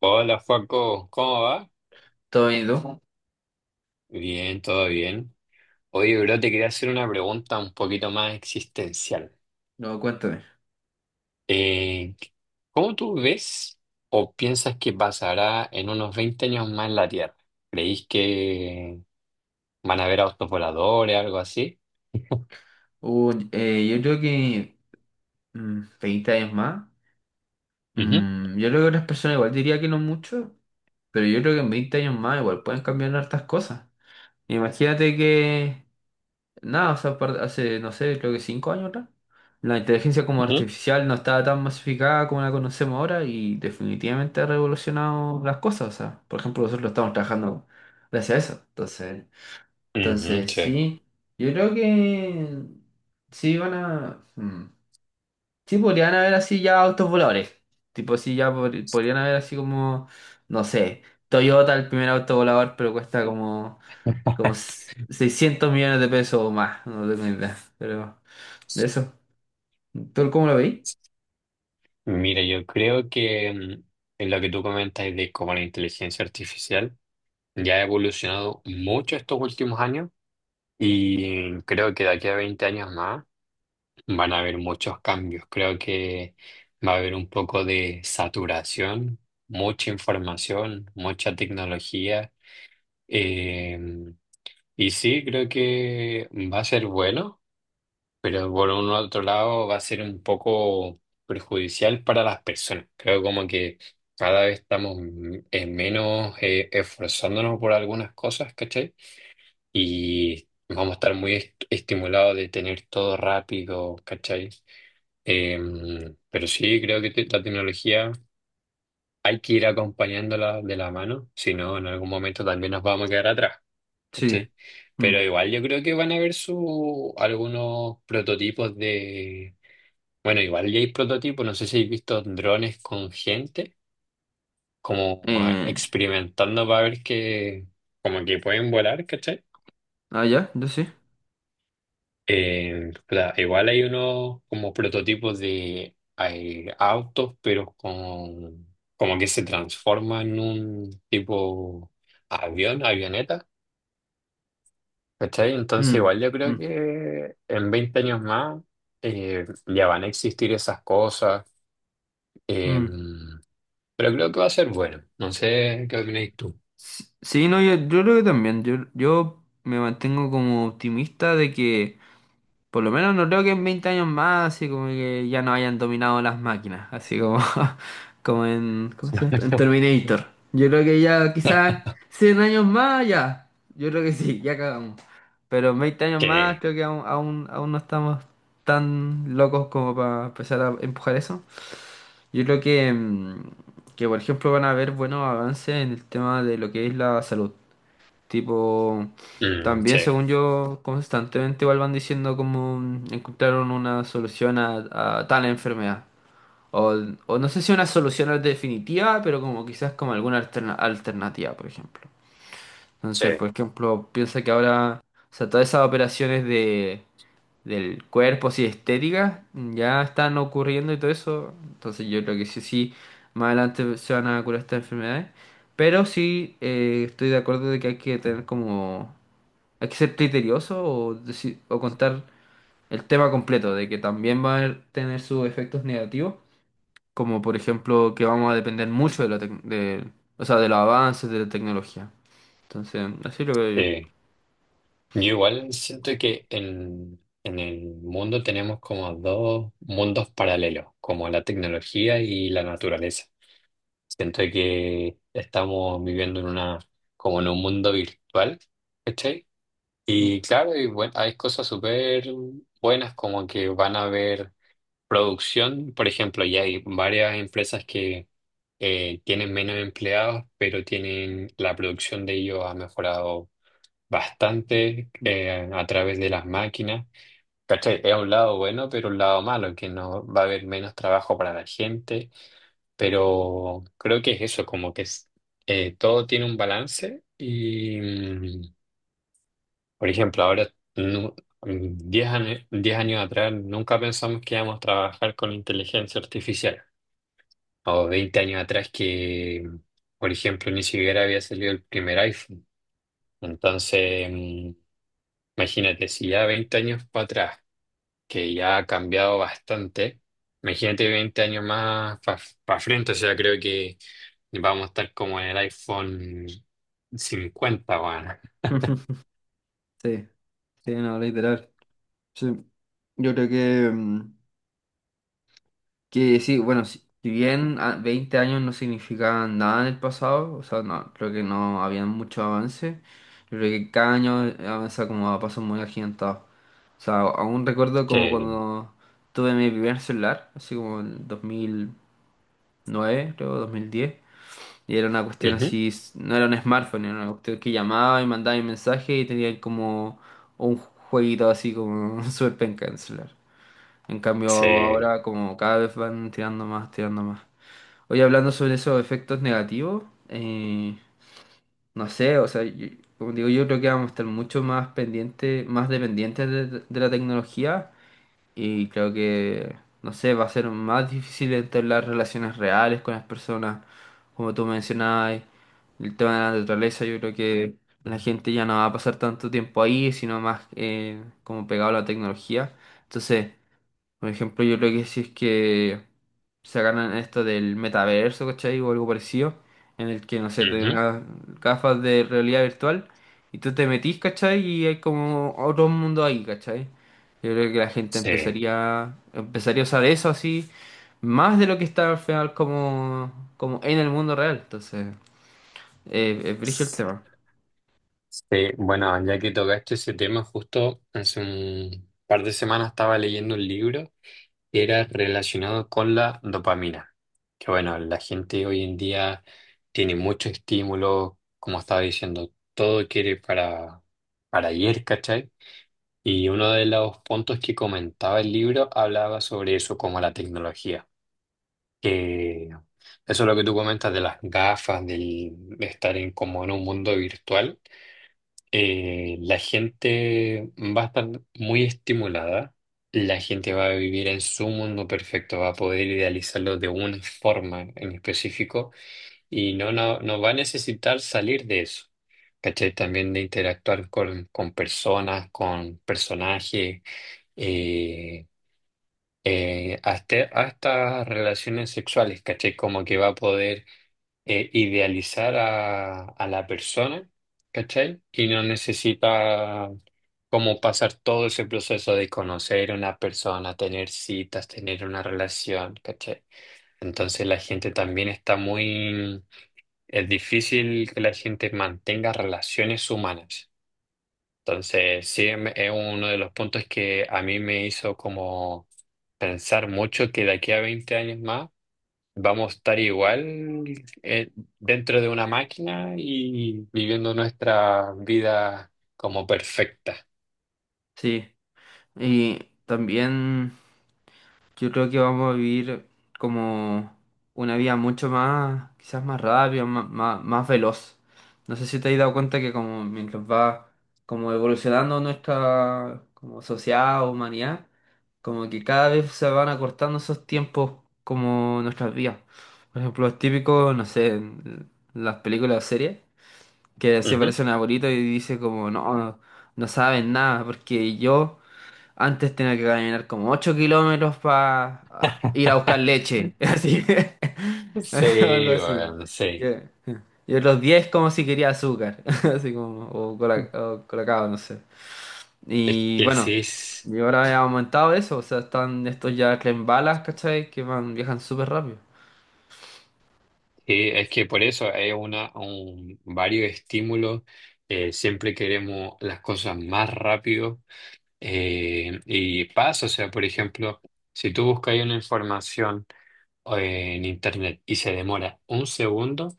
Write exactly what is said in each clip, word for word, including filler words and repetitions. Hola, Joaco, ¿cómo va? ¿Todo bien, y tú? Bien, todo bien. Oye, bro, te quería hacer una pregunta un poquito más existencial. No, cuéntame. Eh, ¿cómo tú ves o piensas que pasará en unos veinte años más en la Tierra? ¿Creís que van a haber autos voladores, algo así? Uh, eh, yo creo que mm, veinte años más. Ujú, mm, Yo creo que otras personas igual diría que no mucho, pero yo creo que en veinte años más igual pueden cambiar hartas cosas. Imagínate que, nada, o sea, par- hace, no sé, creo que cinco años atrás, la inteligencia como ujú, artificial no estaba tan masificada como la conocemos ahora y definitivamente ha revolucionado las cosas. O sea, por ejemplo, nosotros lo estamos trabajando gracias a eso. Entonces. ujú, Entonces, sí. sí, yo creo que sí van a... mm, Sí, podrían haber así ya autos voladores. Tipo, sí, ya pod- podrían haber así como, no sé, Toyota, el primer auto volador, pero cuesta como, como s- seiscientos millones de pesos o más, no tengo ni idea. Pero de eso, ¿tú cómo lo veis? Mira, yo creo que mm, en lo que tú comentas de cómo la inteligencia artificial ya ha evolucionado mucho estos últimos años y creo que de aquí a veinte años más van a haber muchos cambios. Creo que va a haber un poco de saturación, mucha información, mucha tecnología. Eh, y sí, creo que va a ser bueno, pero por un otro lado va a ser un poco perjudicial para las personas. Creo como que cada vez estamos m- eh, menos eh, esforzándonos por algunas cosas, ¿cachai? Y vamos a estar muy est- estimulados de tener todo rápido, ¿cachai? Em, pero sí, creo que te- la tecnología hay que ir acompañándola de la mano, si no, en algún momento también nos vamos a quedar atrás. Sí. ¿Cachai? Pero Mm. igual yo creo que van a haber su, algunos prototipos de... Bueno, igual ya hay prototipos, no sé si habéis visto drones con gente, como ah, Eh, experimentando para ver que, como que pueden volar, ¿cachai? ah, ya, yo sí. Eh, cla- igual hay unos como prototipos de hay autos, pero con, como que se transforma en un tipo avión, avioneta, ¿cachai? Entonces Mm, igual yo creo mm, que en veinte años más eh, ya van a existir esas cosas, eh, mm. pero creo que va a ser bueno. No sé qué opináis tú. Sí, sí, no, yo, yo creo que también. Yo, yo me mantengo como optimista de que, por lo menos, no creo que en veinte años más, así como que ya no hayan dominado las máquinas, así como, como en, ¿cómo se llama esto? En Terminator. Yo creo que ya quizás cien años más, ya. Yo creo que sí, ya cagamos. Pero en veinte años más Que, creo que aún, aún, aún no estamos tan locos como para empezar a empujar eso. Yo creo que, mm, que, por ejemplo, van a haber buenos avances en el tema de lo que es la salud. Tipo, mm, también sí, según yo, constantemente igual van diciendo como mm, encontraron una solución a, a tal enfermedad. O, o no sé si una solución definitiva, pero como quizás como alguna alterna- alternativa, por ejemplo. Entonces, sí. por ejemplo, piensa que ahora, o sea, todas esas operaciones de, del cuerpo, así estéticas, ya están ocurriendo y todo eso. Entonces yo creo que sí, sí, más adelante se van a curar estas enfermedades. Pero sí, eh, estoy de acuerdo de que hay que tener como, hay que ser criterioso o, deci- o contar el tema completo, de que también va a tener sus efectos negativos, como por ejemplo que vamos a depender mucho de, la tec- de, o sea, de los avances de la tecnología. Entonces, así lo veo Sí. Yo igual siento que en, en el mundo tenemos como dos mundos paralelos, como la tecnología y la naturaleza. Siento que estamos viviendo en una, como en un mundo virtual, ¿cachai? yo. Y claro, y buen- hay cosas súper buenas como que van a haber producción, por ejemplo, ya hay varias empresas que eh, tienen menos empleados, pero tienen la producción de ellos ha mejorado bastante eh, a través de las máquinas. ¿Cachai? Es un lado bueno, pero un lado malo, que no va a haber menos trabajo para la gente, pero creo que es eso, como que es- eh, todo tiene un balance y, mm, por ejemplo, ahora, nu- mm, diez años, diez años atrás, nunca pensamos que íbamos a trabajar con inteligencia artificial, o veinte años atrás que... mm, por ejemplo, ni siquiera había salido el primer iPhone. Entonces, mm, imagínate, si ya veinte años para atrás que ya ha cambiado bastante. Imagínate veinte años más para frente, o sea, creo que vamos a estar como en el iPhone cincuenta, bueno. Sí, sí, no, literal. Sí, yo creo que mm, que sí, bueno, si, si bien a- veinte años no significaban nada en el pasado, o sea, no, creo que no había mucho avance, yo creo que cada año eh, avanza como a pasos muy agigantados. O sea, aún recuerdo como Que, cuando tuve mi primer celular, así como en dos mil nueve creo, dos mil diez y era una cuestión ujú, así, no era un smartphone, era una cuestión que llamaba y mandaba un mensaje y tenía como un jueguito así como súper penca en el celular. En cambio, sí, ahora como cada vez van tirando más, tirando más. Oye, hablando sobre esos efectos negativos, eh, no sé, o sea, yo- como digo, yo creo que vamos a estar mucho más pendientes, más dependientes de, de la tecnología y creo que, no sé, va a ser más difícil entablar relaciones reales con las personas, como tú mencionabas, el tema de la naturaleza. Yo creo que la gente ya no va a pasar tanto tiempo ahí, sino más eh, como pegado a la tecnología. Entonces... Por ejemplo, yo creo que si es que se ganan esto del metaverso, ¿cachai? O algo parecido, en el que, no sé, te dan ujú, unas gafas de realidad virtual y tú te metís, ¿cachai? Y hay como otro mundo ahí, ¿cachai? Yo creo que la gente sí, empezaría, empezaría a usar eso así, más de lo que está al final como, como en el mundo real. Entonces, eh, es brígido el sí. tema. Bueno, ya que tocaste ese tema, justo hace un par de semanas estaba leyendo un libro que era relacionado con la dopamina. Que bueno, la gente hoy en día tiene mucho estímulo, como estaba diciendo, todo quiere para, para ayer, ¿cachai? Y uno de los puntos que comentaba el libro hablaba sobre eso, como la tecnología. Que eso es lo que tú comentas de las gafas, del estar en, como en un mundo virtual eh, la gente va a estar muy estimulada, la gente va a vivir en su mundo perfecto, va a poder idealizarlo de una forma en específico y no, no, no va a necesitar salir de eso. ¿Cachai? También de interactuar con, con personas, con personajes, eh, eh, hasta, hasta relaciones sexuales, ¿cachai? Como que va a poder eh, idealizar a, a la persona, ¿cachai? Y no necesita como pasar todo ese proceso de conocer a una persona, tener citas, tener una relación, ¿cachai? Entonces la gente también está muy... Es difícil que la gente mantenga relaciones humanas. Entonces, sí, em- es uno de los puntos que a mí me hizo como pensar mucho que de aquí a veinte años más vamos a estar igual eh, dentro de una máquina y viviendo nuestra vida como perfecta. Sí. Y también. Yo creo que vamos a vivir como una vida mucho más, quizás más rápida, má- má- más veloz. No sé si te has dado cuenta que como mientras va como evolucionando nuestra como sociedad o humanidad, como que cada vez se van acortando esos tiempos como nuestras vidas. Por ejemplo, los típicos, no sé, en las películas o series, que así Ujú. aparece un abuelito y dice como, no, no, no saben nada, porque yo antes tenía que caminar como ocho kilómetros para ir a buscar leche. Así que, Sí, algo así. bueno, sí. Yeah. Y los diez como si quería azúcar. Así como. O, cola- o colacao, no sé. Es Y que bueno. sí, es Y ahora he aumentado eso. O sea, están estos ya tren balas, ¿cachai? Que van, viajan súper rápido. sí, es que por eso hay una, un- varios estímulos. eh, siempre queremos las cosas más rápido eh, y pasa. O sea, por ejemplo, si tú buscas ahí una información eh, en internet y se demora un segundo,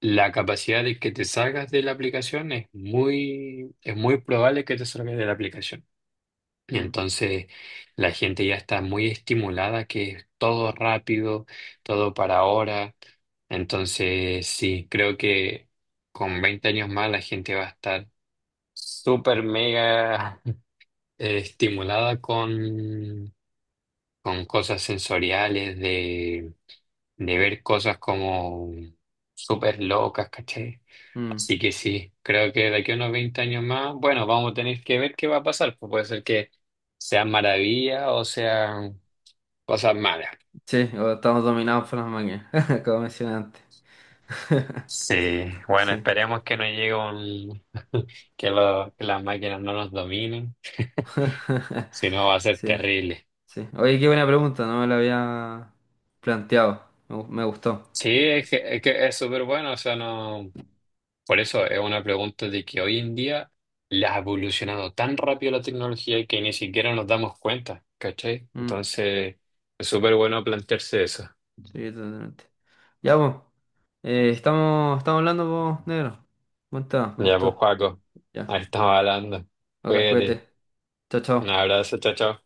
la capacidad de que te salgas de la aplicación es muy, es muy probable que te salgas de la aplicación. Y Mm, entonces la gente ya está muy estimulada, que es todo rápido, todo para ahora. Entonces, sí, creo que con veinte años más la gente va a estar súper mega eh, estimulada con, con cosas sensoriales de ver cosas como súper locas, ¿cachai? mm. Así que sí, creo que de aquí a unos veinte años más, bueno, vamos a tener que ver qué va a pasar, pues puede ser que sean maravillas o sean cosas malas. Sí, o estamos dominados por las máquinas. Como mencioné antes. Sí, bueno, Sí. esperemos que no llegue un, que, lo- que las máquinas no nos dominen, si no va a ser Sí. terrible. Sí. Oye, qué buena pregunta, no me la había planteado. Me, gu- me gustó. Sí, es que es que es súper bueno, o sea, no. Por eso es una pregunta de que hoy en día la ha evolucionado tan rápido la tecnología que ni siquiera nos damos cuenta, ¿cachai? Mm, Entonces, es súper bueno plantearse eso. sí, totalmente. Ya, pues. eh, estamos, estamos hablando, pues, negro. Buen tema, me Ya, pues, gustó. Joaco, Ya. ahí estamos hablando. Ok, Cuídate. cuídate. Chao, Un chao. abrazo, chao, chao.